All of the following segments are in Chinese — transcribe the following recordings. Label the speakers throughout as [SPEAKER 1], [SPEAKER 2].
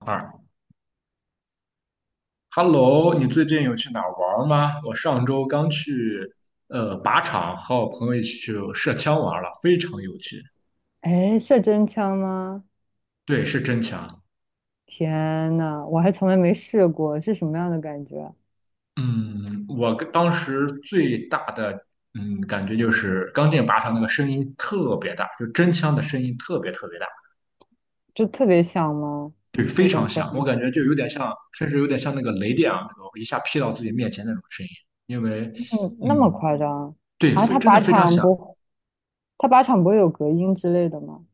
[SPEAKER 1] 二，Hello，你最近有去哪儿玩儿吗？我上周刚去靶场，和我朋友一起去射枪玩儿了，非常有趣。
[SPEAKER 2] 哎，是真枪吗？
[SPEAKER 1] 对，是真枪。
[SPEAKER 2] 天呐，我还从来没试过，是什么样的感觉？
[SPEAKER 1] 嗯，我跟当时最大的嗯感觉就是刚进靶场那个声音特别大，就真枪的声音特别特别大，
[SPEAKER 2] 就特别响吗？
[SPEAKER 1] 对，非
[SPEAKER 2] 那种
[SPEAKER 1] 常
[SPEAKER 2] 声
[SPEAKER 1] 响。我
[SPEAKER 2] 音？
[SPEAKER 1] 感觉就有点像，甚至有点像那个雷电啊，那种一下劈到自己面前那种声音。因为
[SPEAKER 2] 嗯，那么
[SPEAKER 1] 嗯，
[SPEAKER 2] 夸张？
[SPEAKER 1] 对，
[SPEAKER 2] 啊，
[SPEAKER 1] 非真的非常响。
[SPEAKER 2] 他靶场不会有隔音之类的吗？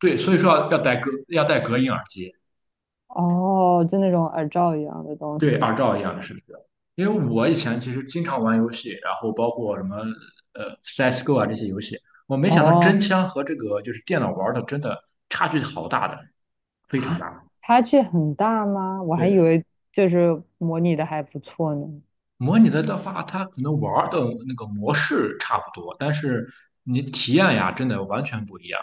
[SPEAKER 1] 对，所以说要戴隔音耳机。
[SPEAKER 2] 哦，就那种耳罩一样的东
[SPEAKER 1] 对二
[SPEAKER 2] 西。
[SPEAKER 1] 赵一样的是不是？因为我以前其实经常玩游戏，然后包括什么CS:GO 啊这些游戏，我没想到真
[SPEAKER 2] 哦，
[SPEAKER 1] 枪和这个就是电脑玩的真的差距好大的，非常
[SPEAKER 2] 啊，
[SPEAKER 1] 大。
[SPEAKER 2] 差距很大吗？我还以
[SPEAKER 1] 对，
[SPEAKER 2] 为就是模拟的还不错呢。
[SPEAKER 1] 模拟的的话，它可能玩的那个模式差不多，但是你体验呀，真的完全不一样。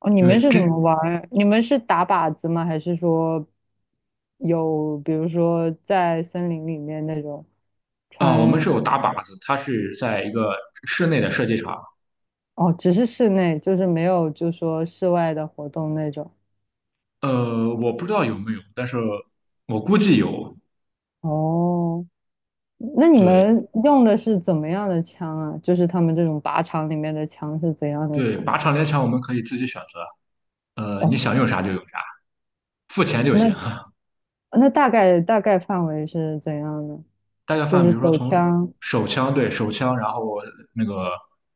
[SPEAKER 2] 哦，你
[SPEAKER 1] 因为
[SPEAKER 2] 们是怎么玩
[SPEAKER 1] 真
[SPEAKER 2] 儿？你们是打靶子吗？还是说有，比如说在森林里面那种？
[SPEAKER 1] 啊、我们
[SPEAKER 2] 穿，
[SPEAKER 1] 是有打靶子，它是在一个室内的射击场，
[SPEAKER 2] 哦，只是室内，就是没有就说室外的活动那种。
[SPEAKER 1] 我不知道有没有，但是我估计有。
[SPEAKER 2] 哦，那你
[SPEAKER 1] 对，
[SPEAKER 2] 们用的是怎么样的枪啊？就是他们这种靶场里面的枪是怎样的
[SPEAKER 1] 对，
[SPEAKER 2] 枪？
[SPEAKER 1] 靶场猎枪我们可以自己选择，你
[SPEAKER 2] 哦，
[SPEAKER 1] 想用啥就用啥，付钱就
[SPEAKER 2] 那
[SPEAKER 1] 行。
[SPEAKER 2] 那大概范围是怎样的？
[SPEAKER 1] 大家
[SPEAKER 2] 就
[SPEAKER 1] 看，
[SPEAKER 2] 是
[SPEAKER 1] 比如说
[SPEAKER 2] 手
[SPEAKER 1] 从
[SPEAKER 2] 枪。
[SPEAKER 1] 手枪，对手枪，然后那个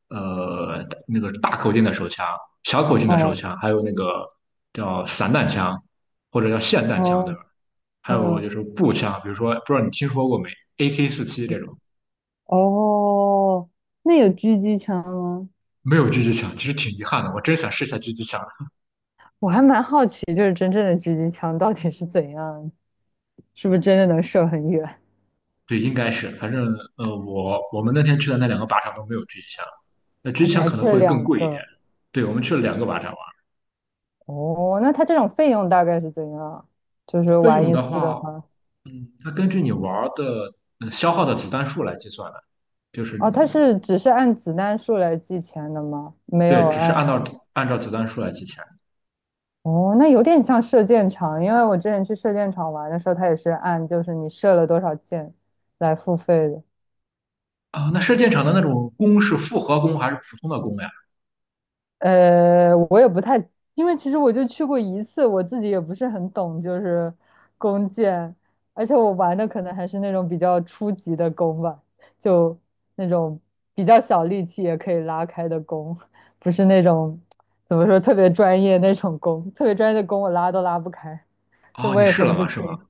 [SPEAKER 1] 那个大口径的手枪、小口径的手
[SPEAKER 2] 哦
[SPEAKER 1] 枪，还有那个叫散弹枪或者叫霰弹枪，对吧？
[SPEAKER 2] 哦，
[SPEAKER 1] 还有
[SPEAKER 2] 嗯，
[SPEAKER 1] 就是步枪，比如说不知道你听说过没，AK47这种，
[SPEAKER 2] 哦，那有狙击枪吗？
[SPEAKER 1] 没有狙击枪，其实挺遗憾的，我真想试一下狙击枪。
[SPEAKER 2] 我还蛮好奇，就是真正的狙击枪到底是怎样，是不是真的能射很远？
[SPEAKER 1] 对，应该是，反正我们那天去的那两个靶场都没有狙击枪，那狙
[SPEAKER 2] 啊，
[SPEAKER 1] 击
[SPEAKER 2] 你
[SPEAKER 1] 枪
[SPEAKER 2] 还
[SPEAKER 1] 可能
[SPEAKER 2] 这
[SPEAKER 1] 会更
[SPEAKER 2] 两
[SPEAKER 1] 贵一点。
[SPEAKER 2] 个？
[SPEAKER 1] 对，我们去了两个靶场玩，
[SPEAKER 2] 哦，那它这种费用大概是怎样？就是
[SPEAKER 1] 费
[SPEAKER 2] 玩
[SPEAKER 1] 用
[SPEAKER 2] 一
[SPEAKER 1] 的
[SPEAKER 2] 次的
[SPEAKER 1] 话，
[SPEAKER 2] 话，
[SPEAKER 1] 它根据你玩儿的消耗的子弹数来计算的，就是
[SPEAKER 2] 哦，
[SPEAKER 1] 你
[SPEAKER 2] 它是只是按子弹数来计钱的吗？没
[SPEAKER 1] 对，
[SPEAKER 2] 有
[SPEAKER 1] 只是
[SPEAKER 2] 按，
[SPEAKER 1] 按照子弹数来计钱。
[SPEAKER 2] 哦，那有点像射箭场，因为我之前去射箭场玩的时候，它也是按就是你射了多少箭来付费的。
[SPEAKER 1] 啊。那射箭场的那种弓是复合弓还是普通的弓呀？
[SPEAKER 2] 我也不太，因为其实我就去过一次，我自己也不是很懂，就是弓箭，而且我玩的可能还是那种比较初级的弓吧，就那种比较小力气也可以拉开的弓，不是那种怎么说特别专业那种弓，特别专业的弓我拉都拉不开，所以
[SPEAKER 1] 哦，
[SPEAKER 2] 我
[SPEAKER 1] 你
[SPEAKER 2] 也
[SPEAKER 1] 试了
[SPEAKER 2] 分不
[SPEAKER 1] 吗？是吗？
[SPEAKER 2] 清。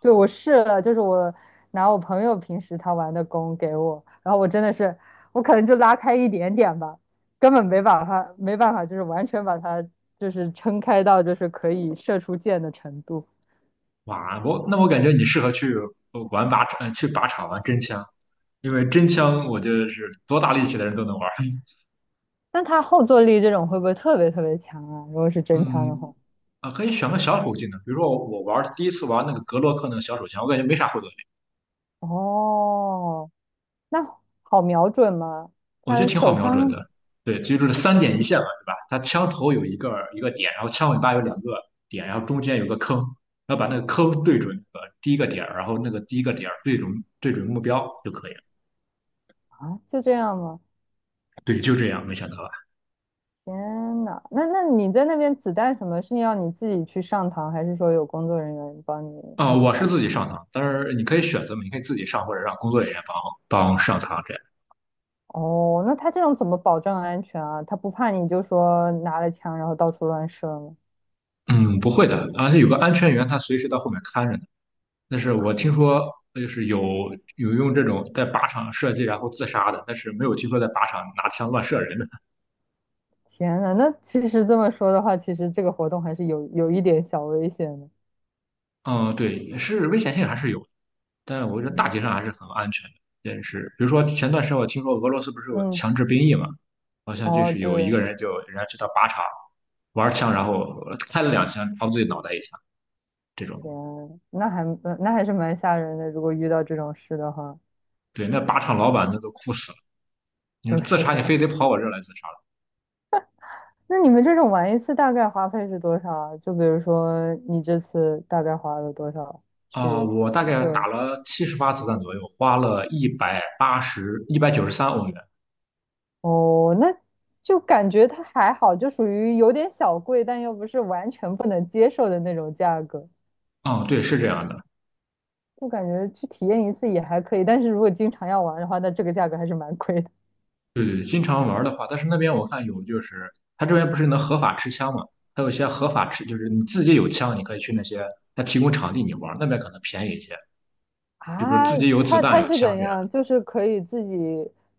[SPEAKER 2] 对，我试了，就是我拿我朋友平时他玩的弓给我，然后我真的是，我可能就拉开一点点吧，根本没把它没办法，就是完全把它就是撑开到就是可以射出箭的程度。
[SPEAKER 1] 哇，我感觉你适合去玩靶场，去靶场玩真枪，因为真枪我觉得是多大力气的人都能玩儿。
[SPEAKER 2] 那它后坐力这种会不会特别强啊？如果是真枪的话，
[SPEAKER 1] 嗯，啊，可以选个小口径的，比如说我第一次玩那个格洛克那个小手枪，我感觉没啥后坐力，
[SPEAKER 2] 哦，那好瞄准吗？
[SPEAKER 1] 我觉得
[SPEAKER 2] 它
[SPEAKER 1] 挺好
[SPEAKER 2] 手
[SPEAKER 1] 瞄准
[SPEAKER 2] 枪
[SPEAKER 1] 的。对，其实就是三点一线嘛，对吧？它枪头有一个点，然后枪尾巴有两个点，然后中间有个坑，然后把那个坑对准第一个点儿然后那个第一个点儿对准目标就可以了。
[SPEAKER 2] 啊，就这样吗？
[SPEAKER 1] 对，就这样，没想到吧？
[SPEAKER 2] 天呐，那那你在那边子弹什么是要你自己去上膛，还是说有工作人员帮你
[SPEAKER 1] 啊、
[SPEAKER 2] 弄
[SPEAKER 1] 我是
[SPEAKER 2] 好？
[SPEAKER 1] 自己上膛，但是你可以选择嘛，你可以自己上或者让工作人员帮帮上膛这样。
[SPEAKER 2] 哦，那他这种怎么保证安全啊？他不怕你就说拿了枪然后到处乱射吗？
[SPEAKER 1] 嗯，不会的，而且有个安全员，他随时到后面看着呢。那是我
[SPEAKER 2] 啊，
[SPEAKER 1] 听说就是有用这种在靶场射击然后自杀的，但是没有听说在靶场拿枪乱射人的。
[SPEAKER 2] 天呐，那其实这么说的话，其实这个活动还是有一点小危险的。
[SPEAKER 1] 嗯，对，是危险性还是有的，但我觉得大
[SPEAKER 2] 嗯
[SPEAKER 1] 体上还是很安全的。但是比如说前段时间我听说俄罗斯不是有
[SPEAKER 2] 嗯，
[SPEAKER 1] 强制兵役嘛，好像就
[SPEAKER 2] 哦
[SPEAKER 1] 是
[SPEAKER 2] 对，
[SPEAKER 1] 有一个人就人家去到靶场玩枪，然后开了两枪，朝自己脑袋一枪这种。
[SPEAKER 2] 天，那还那还是蛮吓人的。如果遇到这种事的话，
[SPEAKER 1] 对，那靶场老板那都哭死了。你说
[SPEAKER 2] 对
[SPEAKER 1] 自杀，你
[SPEAKER 2] 呀
[SPEAKER 1] 非得跑我这儿来自杀？
[SPEAKER 2] 那你们这种玩一次大概花费是多少啊？就比如说你这次大概花了多少
[SPEAKER 1] 啊、
[SPEAKER 2] 去
[SPEAKER 1] 我大概打
[SPEAKER 2] 射？
[SPEAKER 1] 了70发子弹左右，花了180、193欧元。
[SPEAKER 2] 哦，那就感觉它还好，就属于有点小贵，但又不是完全不能接受的那种价格。
[SPEAKER 1] 啊、对，是这样的。
[SPEAKER 2] 就感觉去体验一次也还可以，但是如果经常要玩的话，那这个价格还是蛮贵的
[SPEAKER 1] 对对，经常玩的话，但是那边我看有，就是他这边不是能合法持枪嘛？他有些合法持，就是你自己有枪，你可以去那些他提供场地你玩，那边可能便宜一些。就比如
[SPEAKER 2] 啊。
[SPEAKER 1] 自己有子
[SPEAKER 2] 它
[SPEAKER 1] 弹、
[SPEAKER 2] 它
[SPEAKER 1] 有
[SPEAKER 2] 是
[SPEAKER 1] 枪
[SPEAKER 2] 怎
[SPEAKER 1] 这样的。
[SPEAKER 2] 样？就是可以自己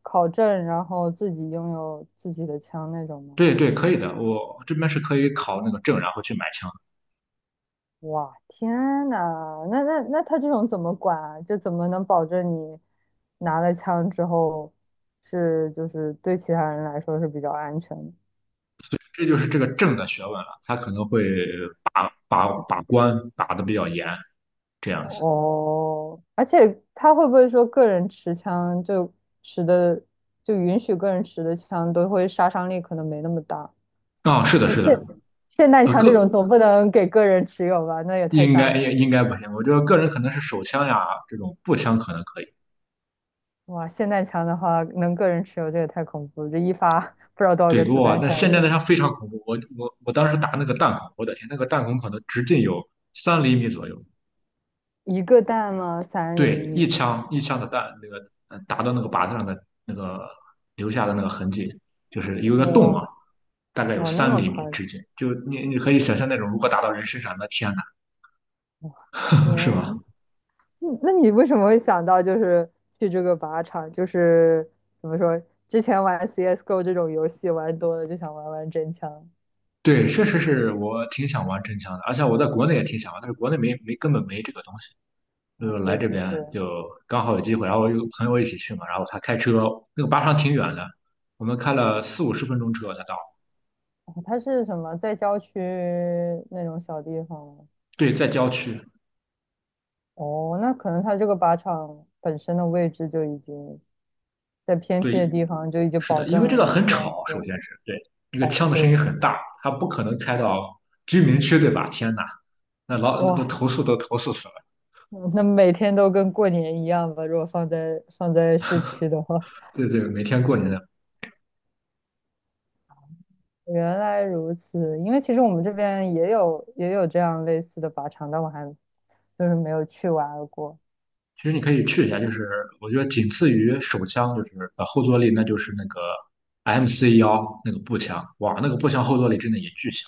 [SPEAKER 2] 考证，然后自己拥有自己的枪那种吗？
[SPEAKER 1] 对对，可以的。我这边是可以考那个证，然后去买枪。
[SPEAKER 2] 哇，天呐，那他这种怎么管啊？就怎么能保证你拿了枪之后是就是对其他人来说是比较安全的？
[SPEAKER 1] 这就是这个证的学问了，他可能会把把关打的比较严，这样子。
[SPEAKER 2] 哦，而且他会不会说个人持枪就持的就允许个人持的枪都会杀伤力可能没那么大？
[SPEAKER 1] 啊、是的，是的。
[SPEAKER 2] 霰弹
[SPEAKER 1] 呃，
[SPEAKER 2] 枪
[SPEAKER 1] 个
[SPEAKER 2] 这种总不能给个人持有吧？那也太
[SPEAKER 1] 应
[SPEAKER 2] 吓人
[SPEAKER 1] 该
[SPEAKER 2] 了
[SPEAKER 1] 应应该不行，我觉得个人可能是手枪呀，这种步枪可能可以。
[SPEAKER 2] 哇，霰弹枪的话能个人持有，这也太恐怖了！这一发不知道多少个
[SPEAKER 1] 对，
[SPEAKER 2] 子
[SPEAKER 1] 哇，
[SPEAKER 2] 弹
[SPEAKER 1] 那
[SPEAKER 2] 下
[SPEAKER 1] 现在
[SPEAKER 2] 去
[SPEAKER 1] 那
[SPEAKER 2] 了
[SPEAKER 1] 枪非常恐怖，我当时打那个弹孔，我的天，那个弹孔可能直径有三厘米左右。
[SPEAKER 2] 一个弹吗？三厘
[SPEAKER 1] 对，
[SPEAKER 2] 米？
[SPEAKER 1] 一枪一枪的弹，那个打到那个靶子上的那个留下的那个痕迹，就是有一个洞啊，
[SPEAKER 2] 哇
[SPEAKER 1] 大概有
[SPEAKER 2] 哇，那
[SPEAKER 1] 三
[SPEAKER 2] 么
[SPEAKER 1] 厘米
[SPEAKER 2] 宽，
[SPEAKER 1] 直径，就你可以想象那种如果打到人身上，那天呐，是吧？
[SPEAKER 2] 天，嗯那你为什么会想到就是去这个靶场？就是怎么说，之前玩 CS:GO 这种游戏玩多了，就想玩玩真枪。
[SPEAKER 1] 对，确实是我挺想玩真枪的，而且我在国内也挺想玩，但是国内没根本没这个东西。
[SPEAKER 2] 哦，
[SPEAKER 1] 就来
[SPEAKER 2] 对，
[SPEAKER 1] 这
[SPEAKER 2] 的确，
[SPEAKER 1] 边就刚好有机会，然后我有个朋友一起去嘛，然后他开车，那个巴场挺远的，我们开了四五十分钟车才到。
[SPEAKER 2] 哦它是什么在郊区那种小地方吗
[SPEAKER 1] 对，在郊区。
[SPEAKER 2] 哦，那可能它这个靶场本身的位置就已经在偏僻
[SPEAKER 1] 对，
[SPEAKER 2] 的地方，就已经
[SPEAKER 1] 是
[SPEAKER 2] 保
[SPEAKER 1] 的，因
[SPEAKER 2] 证
[SPEAKER 1] 为这
[SPEAKER 2] 了
[SPEAKER 1] 个
[SPEAKER 2] 一
[SPEAKER 1] 很
[SPEAKER 2] 些
[SPEAKER 1] 吵，
[SPEAKER 2] 安
[SPEAKER 1] 首
[SPEAKER 2] 全。
[SPEAKER 1] 先是对那个
[SPEAKER 2] 哦，
[SPEAKER 1] 枪的声音
[SPEAKER 2] 对，
[SPEAKER 1] 很大，他不可能开到居民区，对吧？天呐，那都
[SPEAKER 2] 哇，
[SPEAKER 1] 投诉死了。
[SPEAKER 2] 那每天都跟过年一样吧？如果放在市区的话，
[SPEAKER 1] 对对，每天过年的，
[SPEAKER 2] 原来如此，因为其实我们这边也有这样类似的靶场，但我还就是没有去玩过。
[SPEAKER 1] 其实你可以去一下，就是我觉得仅次于手枪，就是后坐力，那就是那个 MC1那个步枪，哇，那个步枪后坐力真的也巨小。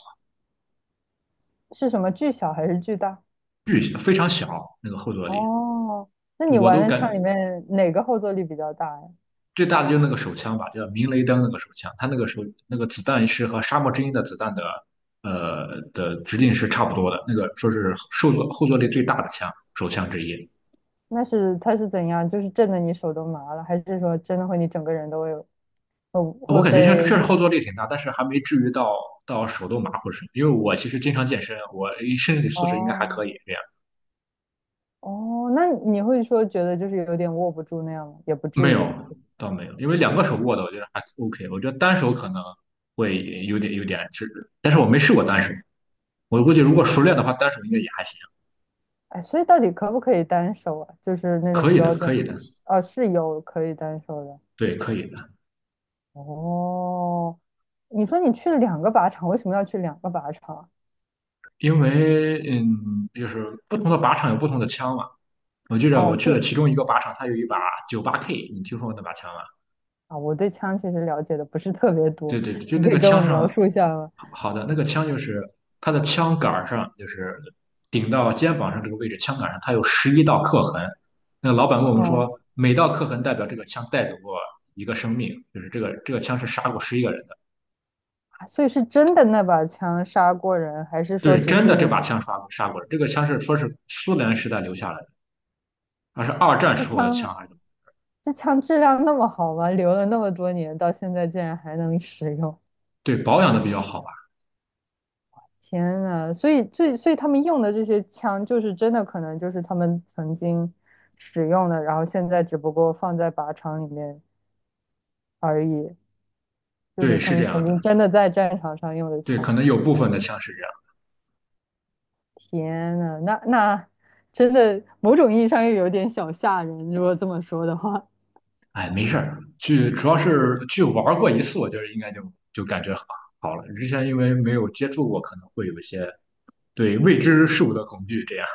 [SPEAKER 2] 是什么巨小还是巨大？
[SPEAKER 1] 非常小那个后坐力，
[SPEAKER 2] 哦，那你
[SPEAKER 1] 我
[SPEAKER 2] 玩
[SPEAKER 1] 都
[SPEAKER 2] 的
[SPEAKER 1] 感
[SPEAKER 2] 枪里面哪个后坐力比较大呀？
[SPEAKER 1] 最大的就是那个手枪吧，叫明雷灯那个手枪，它那个手那个子弹是和沙漠之鹰的子弹的直径是差不多的，那个说是后坐力最大的手枪之一。
[SPEAKER 2] 那是它是怎样？就是震得你手都麻了，还是说真的会你整个人都会有会
[SPEAKER 1] 我
[SPEAKER 2] 会
[SPEAKER 1] 感觉像确
[SPEAKER 2] 被
[SPEAKER 1] 实后坐力挺大，但是还没至于到手都麻或者是，因为我其实经常健身，我身体 素质应该还
[SPEAKER 2] 哦
[SPEAKER 1] 可以这样。
[SPEAKER 2] 哦，那你会说觉得就是有点握不住那样吗？也不至
[SPEAKER 1] 没
[SPEAKER 2] 于。
[SPEAKER 1] 有，倒没有，因为两个手握的我觉得还 OK，我觉得单手可能会有点是，但是我没试过单手。我估计如果熟练的话，单手应该也还行，
[SPEAKER 2] 哎，所以到底可不可以单手啊？就是那
[SPEAKER 1] 可
[SPEAKER 2] 种
[SPEAKER 1] 以的，
[SPEAKER 2] 标准，
[SPEAKER 1] 可以的，
[SPEAKER 2] 哦，是有可以单手的。
[SPEAKER 1] 对，可以的。
[SPEAKER 2] 哦，你说你去了两个靶场，为什么要去两个靶场？
[SPEAKER 1] 因为就是不同的靶场有不同的枪嘛。我记得我
[SPEAKER 2] 哦，
[SPEAKER 1] 去了
[SPEAKER 2] 是
[SPEAKER 1] 其中一个靶场，它有一把98K，你听说过那把枪吗？
[SPEAKER 2] 啊，我对枪其实了解的不是特别
[SPEAKER 1] 对
[SPEAKER 2] 多，
[SPEAKER 1] 对，对就
[SPEAKER 2] 你
[SPEAKER 1] 那
[SPEAKER 2] 可以
[SPEAKER 1] 个
[SPEAKER 2] 跟我
[SPEAKER 1] 枪
[SPEAKER 2] 描
[SPEAKER 1] 上，
[SPEAKER 2] 述一下吗？
[SPEAKER 1] 好好的那个枪就是它的枪杆儿上，就是顶到肩膀上这个位置，枪杆上它有11道刻痕。那老板跟我们说，
[SPEAKER 2] 哦，
[SPEAKER 1] 每道刻痕代表这个枪带走过一个生命，就是这个枪是杀过11个人的。
[SPEAKER 2] 啊所以是真的那把枪杀过人，还是说
[SPEAKER 1] 对，
[SPEAKER 2] 只
[SPEAKER 1] 真的这
[SPEAKER 2] 是
[SPEAKER 1] 把枪刷过杀过了。这个枪是说是苏联时代留下来的，还是
[SPEAKER 2] 啊，
[SPEAKER 1] 二战
[SPEAKER 2] 这
[SPEAKER 1] 时候的枪
[SPEAKER 2] 枪
[SPEAKER 1] 还是？
[SPEAKER 2] 这枪质量那么好吗？留了那么多年，到现在竟然还能使用，
[SPEAKER 1] 对，保养的比较好吧？
[SPEAKER 2] 天呐，所以这所以他们用的这些枪，就是真的可能就是他们曾经使用的，然后现在只不过放在靶场里面而已。就
[SPEAKER 1] 对，
[SPEAKER 2] 是他
[SPEAKER 1] 是这
[SPEAKER 2] 们
[SPEAKER 1] 样
[SPEAKER 2] 曾经
[SPEAKER 1] 的。
[SPEAKER 2] 真的在战场上用的
[SPEAKER 1] 对，可
[SPEAKER 2] 枪。
[SPEAKER 1] 能有部分的枪是这样。
[SPEAKER 2] 天呐，那那真的某种意义上又有点小吓人，如果这么说的话。
[SPEAKER 1] 哎，没事儿，去主要是去玩过一次，我觉得应该就感觉好好了。之前因为没有接触过，可能会有一些对未知事物的恐惧。这样，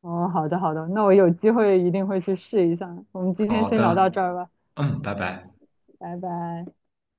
[SPEAKER 2] 哦，好的好的，那我有机会一定会去试一下。我们今天
[SPEAKER 1] 好
[SPEAKER 2] 先聊
[SPEAKER 1] 的，
[SPEAKER 2] 到这儿吧，
[SPEAKER 1] 嗯，拜拜。
[SPEAKER 2] 拜拜。